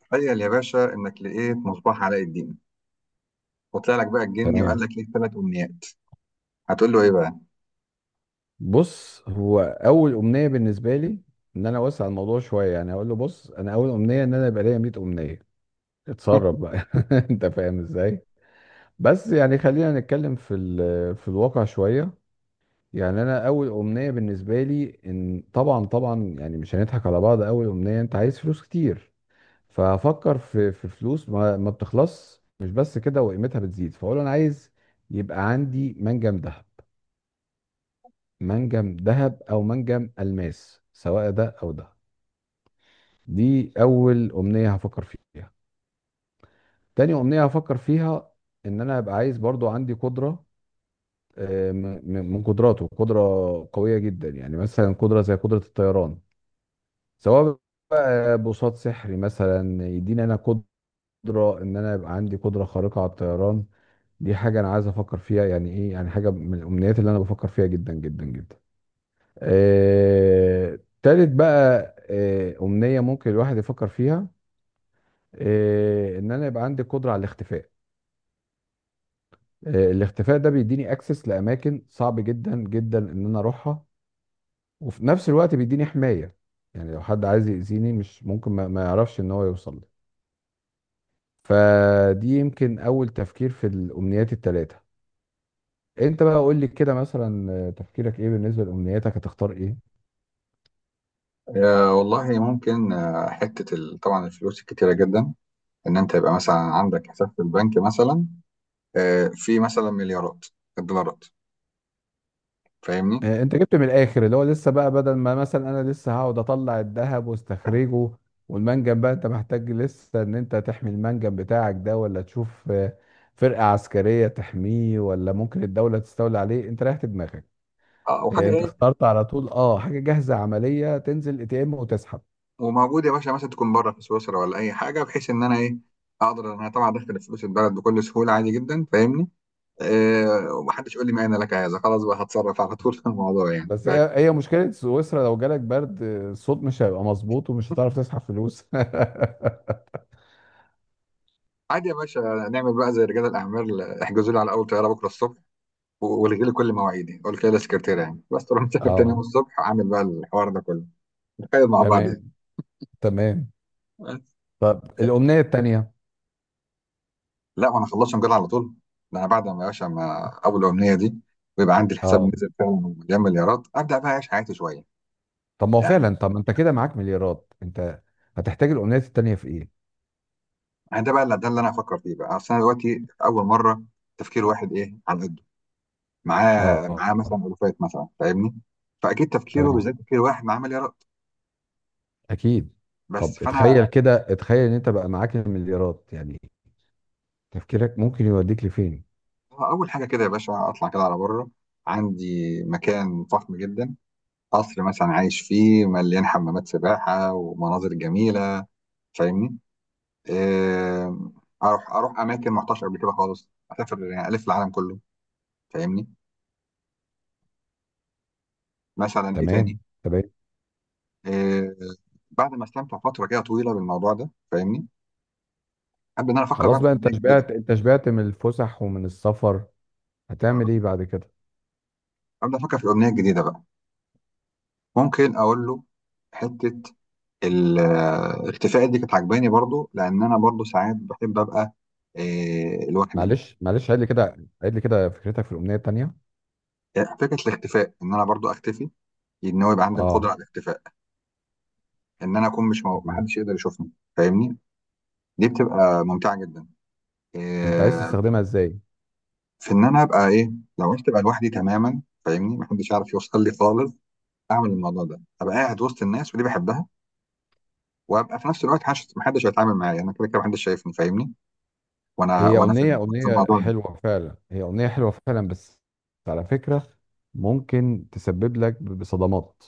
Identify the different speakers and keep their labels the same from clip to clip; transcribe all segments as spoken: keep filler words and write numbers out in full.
Speaker 1: تخيل يا باشا انك لقيت مصباح علاء الدين، وطلع لك بقى الجني وقال
Speaker 2: تمام.
Speaker 1: لك ليك ثلاث امنيات. هتقول له ايه بقى؟
Speaker 2: بص، هو اول امنيه بالنسبه لي ان انا اوسع الموضوع شويه، يعني اقول له بص انا اول امنيه ان انا يبقى ليا مية امنيه، اتصرف بقى. انت فاهم ازاي. بس يعني خلينا نتكلم في ال- في الواقع شويه. يعني انا اول امنيه بالنسبه لي ان طبعا طبعا، يعني مش هنضحك على بعض، اول امنيه انت عايز فلوس كتير. فافكر في في فلوس ما, ما بتخلص، مش بس كده، وقيمتها بتزيد، فاقول له انا عايز يبقى عندي منجم دهب، منجم ذهب او منجم الماس، سواء ده او ده. دي اول امنيه هفكر فيها. تاني امنيه هفكر فيها ان انا ابقى عايز برضو عندي قدره. آه، م- م- من قدراته قدره قويه جدا، يعني مثلا قدره زي قدره الطيران، سواء بقى بوصات سحري مثلا يديني انا قدره ان انا يبقى عندي قدره خارقه على الطيران. دي حاجه انا عايز افكر فيها، يعني ايه، يعني حاجه من الامنيات اللي انا بفكر فيها جدا جدا جدا. آه، تالت بقى، آه، أمنية ممكن الواحد يفكر فيها، آه، إن أنا يبقى عندي قدرة على الاختفاء. آه، الاختفاء ده بيديني أكسس لأماكن صعب جدا جدا إن أنا أروحها، وفي نفس الوقت بيديني حماية. يعني لو حد عايز يأذيني مش ممكن ما ما يعرفش إن هو يوصل لي. فدي يمكن أول تفكير في الأمنيات التلاتة. أنت بقى قول لي كده، مثلا آه، تفكيرك إيه بالنسبة لأمنياتك، هتختار إيه؟
Speaker 1: يا والله ممكن، آه، حته ال- طبعا الفلوس الكتيره جدا. ان انت يبقى مثلا عندك حساب في البنك، مثلا آه، في مثلا مليارات الدولارات. فاهمني؟
Speaker 2: آه، انت جبت من الاخر، اللي هو لسه بقى بدل ما مثلا انا لسه هقعد اطلع الذهب واستخرجه والمنجم، بقى انت محتاج لسه ان انت تحمي المنجم بتاعك ده، ولا تشوف آه، فرقة عسكرية تحميه، ولا ممكن الدولة تستولي عليه. انت ريحت دماغك،
Speaker 1: آه،
Speaker 2: آه،
Speaker 1: وحاجه
Speaker 2: انت
Speaker 1: ايه.
Speaker 2: اخترت على طول. اه، حاجة جاهزة عملية، تنزل اي تي ام وتسحب.
Speaker 1: وموجود يا باشا، مثلا تكون بره في سويسرا ولا اي حاجه، بحيث ان انا ايه، اقدر ان انا طبعا ادخل فلوس البلد بكل سهوله، عادي جدا. فاهمني؟ آه، ومحدش يقول لي ما انا لك عايزه، خلاص بقى هتصرف على طول في الموضوع يعني.
Speaker 2: بس هي هي مشكلة سويسرا لو جالك برد، آه، الصوت مش هيبقى مظبوط ومش هتعرف تسحب فلوس.
Speaker 1: عادي يا باشا. نعمل بقى زي رجال الاعمال، احجزوا لي على اول طياره بكره الصبح، والغي لي كل مواعيدي، قول كده للسكرتيره، يعني بس تروح مسافر تاني
Speaker 2: اه.
Speaker 1: يوم الصبح، اعمل بقى الحوار ده كله. نتخيل مع بعض يعني.
Speaker 2: تمام. تمام.
Speaker 1: بس.
Speaker 2: طب الأمنية التانية.
Speaker 1: لا وانا خلصت مجال على طول، ده انا بعد ما يا باشا ما اول الامنيه دي ويبقى عندي الحساب
Speaker 2: اه،
Speaker 1: نزل فعلا، مليان مليارات، ابدا بقى اعيش حياتي شويه
Speaker 2: طب ما هو
Speaker 1: يعني.
Speaker 2: فعلا، طب ما انت كده معاك مليارات، انت هتحتاج الامنيات التانية في ايه؟
Speaker 1: أنا ده بقى اللي ده اللي انا هفكر فيه بقى، اصل انا دلوقتي اول مره تفكير واحد ايه على قده،
Speaker 2: اه.
Speaker 1: معاه معاه
Speaker 2: آه،
Speaker 1: مثلا الوفات مثلا. فاهمني؟ فاكيد تفكيره
Speaker 2: تمام.
Speaker 1: بالذات تفكير واحد معاه مليارات
Speaker 2: اكيد.
Speaker 1: بس.
Speaker 2: طب اتخيل
Speaker 1: فانا
Speaker 2: كده، اتخيل ان انت بقى معاك المليارات، يعني تفكيرك ممكن يوديك لفين.
Speaker 1: اول حاجه كده يا باشا، اطلع كده على بره، عندي مكان فخم جدا، قصر مثلا عايش فيه، مليان حمامات سباحه ومناظر جميله. فاهمني؟ آه، اروح اروح اماكن ما رحتهاش قبل كده خالص، اسافر يعني الف العالم كله. فاهمني؟ مثلا ايه تاني؟
Speaker 2: تمام. تمام.
Speaker 1: آه، بعد ما استمتع فتره كده طويله بالموضوع ده. فاهمني؟ ابدا ان انا افكر بقى
Speaker 2: خلاص
Speaker 1: في
Speaker 2: بقى،
Speaker 1: اغنيه
Speaker 2: انت
Speaker 1: جديده
Speaker 2: شبعت، انت شبعت من الفسح ومن السفر،
Speaker 1: بقى.
Speaker 2: هتعمل ايه بعد كده؟
Speaker 1: ابدا افكر في اغنيه جديده بقى. ممكن اقول له حته الاختفاء دي كانت عجباني برضو، لان انا برضو ساعات بحب ابقى آه، لوحدي.
Speaker 2: معلش معلش، عيد لي كده، عيد لي كده فكرتك في الامنية التانية.
Speaker 1: آه، فكره الاختفاء ان انا برضو اختفي، ان هو يبقى عندي القدره
Speaker 2: اه.
Speaker 1: على الاختفاء، ان انا اكون مش مو...
Speaker 2: تمام.
Speaker 1: محدش يقدر يشوفني. فاهمني؟ دي بتبقى ممتعه جدا.
Speaker 2: انت عايز
Speaker 1: آه،
Speaker 2: تستخدمها ازاي؟
Speaker 1: في ان انا ابقى ايه، لو عرفت ابقى لوحدي تماما، فاهمني، محدش يعرف يوصل لي خالص، اعمل الموضوع ده، ابقى قاعد وسط الناس ودي بحبها، وابقى في نفس الوقت محدش محدش هيتعامل معايا، انا كده كده محدش شايفني. فاهمني؟ وانا
Speaker 2: هي
Speaker 1: وانا في
Speaker 2: أغنية،
Speaker 1: في
Speaker 2: أغنية
Speaker 1: الموضوع ده.
Speaker 2: حلوة فعلا، هي أغنية حلوة فعلا، بس على فكرة ممكن تسبب لك بصدمات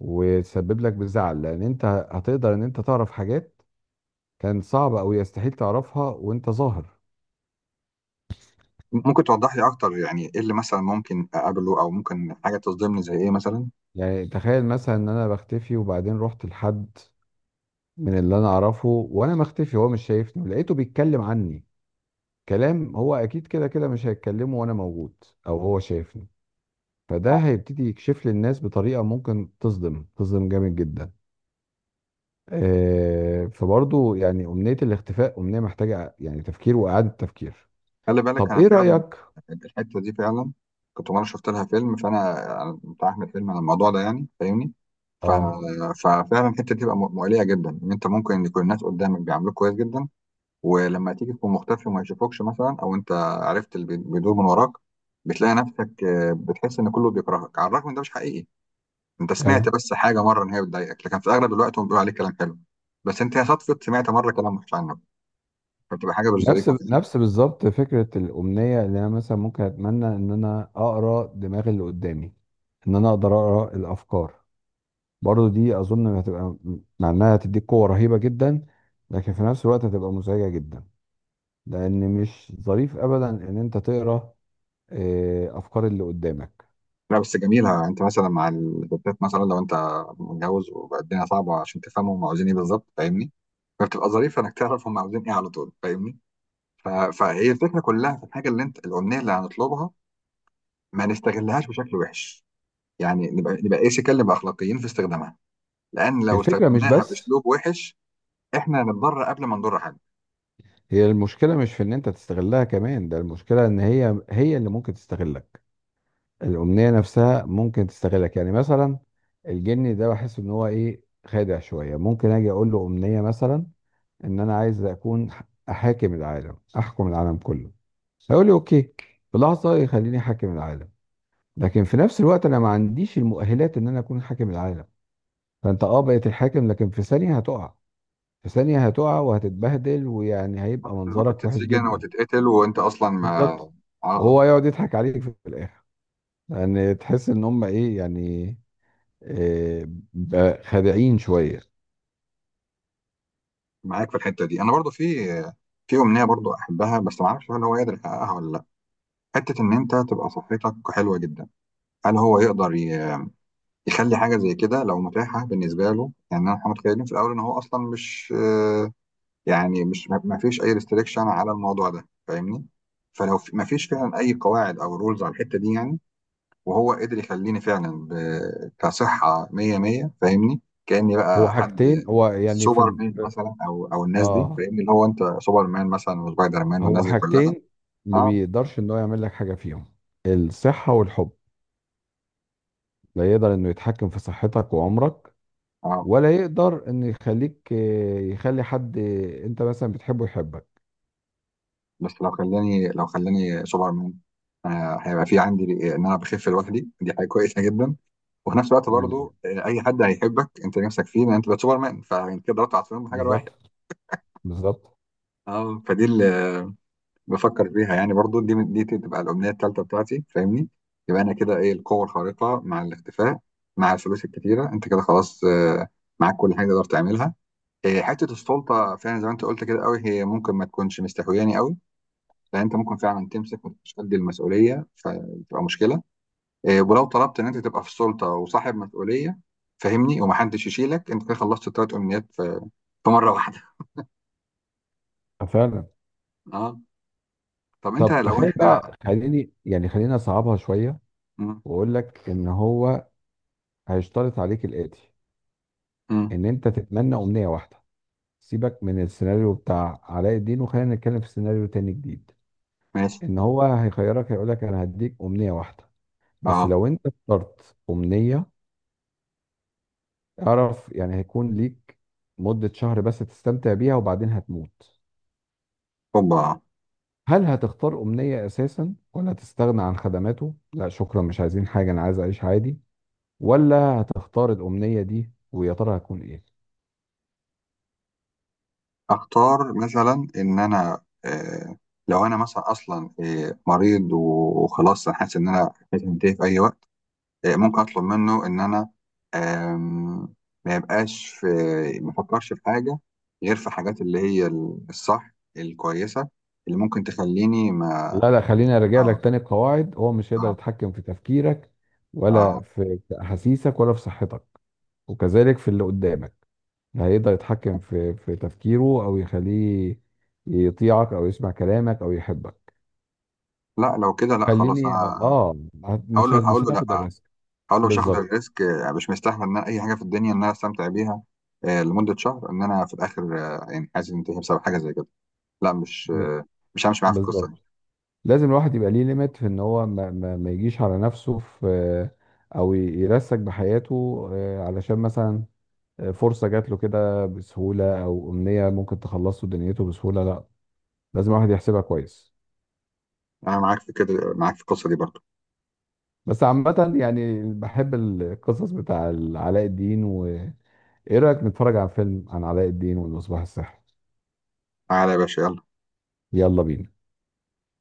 Speaker 2: وتسبب لك بزعل، لأن أنت هتقدر إن أنت تعرف حاجات كان صعب أو يستحيل تعرفها وأنت ظاهر.
Speaker 1: ممكن توضح لي اكتر؟ يعني ايه اللي مثلا ممكن اقابله، او ممكن حاجه تصدمني زي ايه مثلا؟
Speaker 2: يعني تخيل مثلا إن أنا بختفي وبعدين رحت لحد من اللي أنا أعرفه وأنا مختفي، هو مش شايفني، ولقيته بيتكلم عني كلام هو أكيد كده كده مش هيتكلمه وأنا موجود، أو هو شايفني. فده
Speaker 1: آه،
Speaker 2: هيبتدي يكشف للناس بطريقة ممكن تصدم تصدم جامد جدا. آه، فبرضه يعني أمنية الاختفاء أمنية محتاجة يعني تفكير وإعادة تفكير.
Speaker 1: خلي بالك،
Speaker 2: طب
Speaker 1: انا
Speaker 2: إيه
Speaker 1: فعلا
Speaker 2: رأيك؟
Speaker 1: الحته دي فعلا، كنت مره شفت لها فيلم، فانا أنا بتاع احمد فيلم على الموضوع ده يعني. فاهمني؟ ف...
Speaker 2: آه.
Speaker 1: ففعلا الحته دي بتبقى م- مؤليه جدا، ان انت ممكن يكون الناس قدامك بيعاملوك كويس جدا، ولما تيجي تكون مختفي وما يشوفوكش، مثلا او انت عرفت اللي بي- بيدور من وراك، بتلاقي نفسك آه، بتحس ان كله بيكرهك على الرغم ان ده مش حقيقي. انت سمعت
Speaker 2: أيوه.
Speaker 1: بس حاجه مره ان هي بتضايقك، لكن في اغلب الوقت هم بيقولوا عليك كلام حلو. بس انت يا صدفه سمعت مره كلام وحش عنك، فبتبقى حاجه مش
Speaker 2: نفس
Speaker 1: ظريفه فعلا.
Speaker 2: نفس بالظبط فكرة الأمنية، اللي أنا مثلا ممكن أتمنى إن أنا أقرأ دماغ اللي قدامي، إن أنا أقدر أقرأ الأفكار. برضه دي أظن هتبقى، مع إنها هتديك قوة رهيبة جدا، لكن في نفس الوقت هتبقى مزعجة جدا، لأن مش ظريف أبدا إن أنت تقرأ آه، أفكار اللي قدامك.
Speaker 1: لا بس جميله، انت مثلا مع الستات مثلا، لو انت متجوز وبقى الدنيا صعبه عشان تفهموا هم عاوزين ايه بالظبط. فاهمني؟ فبتبقى ظريفه انك تعرف هم عاوزين ايه على طول. فاهمني؟ ف... فهي الفكره كلها في الحاجه اللي انت الامنيه اللي هنطلبها، ما نستغلهاش بشكل وحش. يعني نبقى نبقى ايه، سكال، نبقى اخلاقيين في استخدامها. لان لو
Speaker 2: الفكرة مش
Speaker 1: استخدمناها
Speaker 2: بس،
Speaker 1: باسلوب وحش، احنا هنتضرر قبل ما نضر حد.
Speaker 2: هي المشكلة مش في ان انت تستغلها كمان، ده المشكلة ان هي هي اللي ممكن تستغلك. الأمنية نفسها ممكن تستغلك، يعني مثلا الجني ده بحس ان هو ايه، خادع شوية. ممكن اجي اقول له أمنية مثلا ان انا عايز اكون ح- احاكم العالم، احكم العالم كله. هيقول لي اوكي، في لحظة يخليني حاكم العالم، لكن في نفس الوقت انا ما عنديش المؤهلات ان انا اكون حاكم العالم. فانت اه بقيت الحاكم، لكن في ثانية هتقع، في ثانية هتقع وهتتبهدل، ويعني هيبقى
Speaker 1: كنت ممكن
Speaker 2: منظرك وحش
Speaker 1: تتسجن أو
Speaker 2: جدا.
Speaker 1: تتقتل وأنت أصلا ما.
Speaker 2: بالظبط.
Speaker 1: آه،
Speaker 2: وهو يقعد يضحك عليك في الاخر، يعني تحس ان هم ايه يعني، إيه، ب- خادعين شويه.
Speaker 1: معاك في الحتة دي، أنا برضو في في أمنية برضو أحبها، بس ما أعرفش هل هو يقدر يحققها ولا لأ. حتة إن أنت تبقى صحتك حلوة جدا، هل هو يقدر ي- يخلي حاجة زي كده لو متاحة بالنسبة له، يعني احنا متخيلين في الأول إن هو أصلا مش آه، يعني مش ما ما فيش أي ريستريكشن على الموضوع ده. فاهمني؟ فلو في- ما فيش فعلا أي قواعد أو رولز على الحتة دي يعني، وهو قدر يخليني فعلا ب... كصحة مية مية، فاهمني، كأني
Speaker 2: هو
Speaker 1: بقى حد
Speaker 2: حاجتين، هو يعني في
Speaker 1: سوبر
Speaker 2: ال...
Speaker 1: مان
Speaker 2: في-
Speaker 1: مثلا او او الناس دي،
Speaker 2: اه،
Speaker 1: فاهمني، اللي هو انت سوبر مان مثلا وسبايدر مان
Speaker 2: هو
Speaker 1: والناس دي كلها.
Speaker 2: حاجتين ما
Speaker 1: اه،
Speaker 2: بيقدرش ان هو يعمل لك حاجه فيهم، الصحه والحب. لا يقدر انه يتحكم في صحتك وعمرك،
Speaker 1: اه.
Speaker 2: ولا يقدر انه يخليك، آه، يخلي حد آه، انت مثلا بتحبه يحبك.
Speaker 1: بس لو خلاني لو خلاني سوبر مان، آه هيبقى في عندي ان انا بخف لوحدي، دي حاجه كويسه جدا، وفي نفس الوقت
Speaker 2: مم.
Speaker 1: برضو آه، اي حد هيحبك انت نفسك فيه ان انت بقى سوبر مان، فانت كده ضربت عصفورين بحجر واحد.
Speaker 2: بالظبط. بالظبط.
Speaker 1: اه، فدي ال- بفكر فيها يعني برضو، دي دي تبقى الأمنية التالتة بتاعتي. فاهمني؟ يبقى أنا كده إيه، القوة الخارقة مع الاختفاء مع الفلوس الكتيرة، أنت كده خلاص، آه، معاك كل حاجة تقدر تعملها. آه، حتة السلطة فعلا، زي ما أنت قلت كده قوي، هي ممكن ما تكونش مستهوياني قوي، لأن أنت ممكن فعلا تمسك ومش قد المسؤولية فتبقى مشكلة. آه، ولو طلبت إن أنت تبقى في السلطة وصاحب مسؤولية، فاهمني، ومحدش يشيلك، أنت كده خلصت التلات أمنيات في في مرة واحدة.
Speaker 2: فعلا.
Speaker 1: أه. طب أنت
Speaker 2: طب
Speaker 1: لو
Speaker 2: تخيل
Speaker 1: إحنا
Speaker 2: بقى، خليني يعني خلينا اصعبها شويه،
Speaker 1: م-
Speaker 2: واقول لك ان هو هيشترط عليك الاتي،
Speaker 1: م-
Speaker 2: ان انت تتمنى امنيه واحده. سيبك من السيناريو بتاع علاء الدين، وخلينا نتكلم في سيناريو تاني جديد.
Speaker 1: ماشي.
Speaker 2: ان هو هيخيرك، هيقول لك انا هديك امنيه واحده، بس
Speaker 1: أه.
Speaker 2: لو انت اخترت امنيه اعرف يعني هيكون ليك مده شهر بس تستمتع بيها، وبعدين هتموت.
Speaker 1: هوبا.
Speaker 2: هل هتختار امنيه اساسا، ولا هتستغنى عن خدماته، لا شكرا مش عايزين حاجه، انا عايز اعيش عادي، ولا هتختار الامنيه دي؟ ويا ترى هتكون ايه؟
Speaker 1: اختار مثلا ان انا آه، لو انا مثلا اصلا آه، مريض وخلاص، انا حاسس ان انا هتنتهي في اي وقت، آه، ممكن اطلب منه ان انا، آم، ما يبقاش في، ما افكرش في حاجه غير في حاجات اللي هي الصح، الكويسه اللي ممكن تخليني ما.
Speaker 2: لا لا، خليني ارجع لك
Speaker 1: اه،
Speaker 2: تاني القواعد، هو مش هيقدر
Speaker 1: اه،
Speaker 2: يتحكم في تفكيرك،
Speaker 1: اه.
Speaker 2: ولا في في احاسيسك، ولا في صحتك، وكذلك في اللي قدامك. لا هيقدر يتحكم في في تفكيره، او يخليه يطيعك، او يسمع كلامك، او يحبك.
Speaker 1: لا، لو كده لا خلاص
Speaker 2: خليني
Speaker 1: انا،
Speaker 2: اه، هت-
Speaker 1: هقول
Speaker 2: مش
Speaker 1: له
Speaker 2: هت-
Speaker 1: هقول
Speaker 2: مش
Speaker 1: له
Speaker 2: هناخد
Speaker 1: لا،
Speaker 2: الريسك.
Speaker 1: هقول له مش هاخد
Speaker 2: بالظبط.
Speaker 1: الريسك، آه، مش مستحمل ان أنا اي حاجه في الدنيا ان انا استمتع بيها آه، لمده شهر ان انا في الاخر، آه، يعني حاسس انتهي بسبب حاجه زي كده. لا، مش
Speaker 2: ب-
Speaker 1: آه، مش همشي معاك في القصه دي.
Speaker 2: بالظبط. لازم الواحد يبقى ليه ليميت في ان هو ما, ما, ما يجيش على نفسه في، او ي- يرسك بحياته، آه، علشان مثلا فرصة جات له كده بسهولة، أو أمنية ممكن تخلص له دنيته بسهولة، لا، لازم الواحد يحسبها كويس.
Speaker 1: انا معاك في كده، معاك في القصه دي برضو.
Speaker 2: بس عامة يعني بحب القصص بتاع علاء الدين، وإيه رأيك نتفرج على فيلم عن علاء الدين والمصباح السحري؟
Speaker 1: تعالى يا باشا، يلا.
Speaker 2: يلا بينا.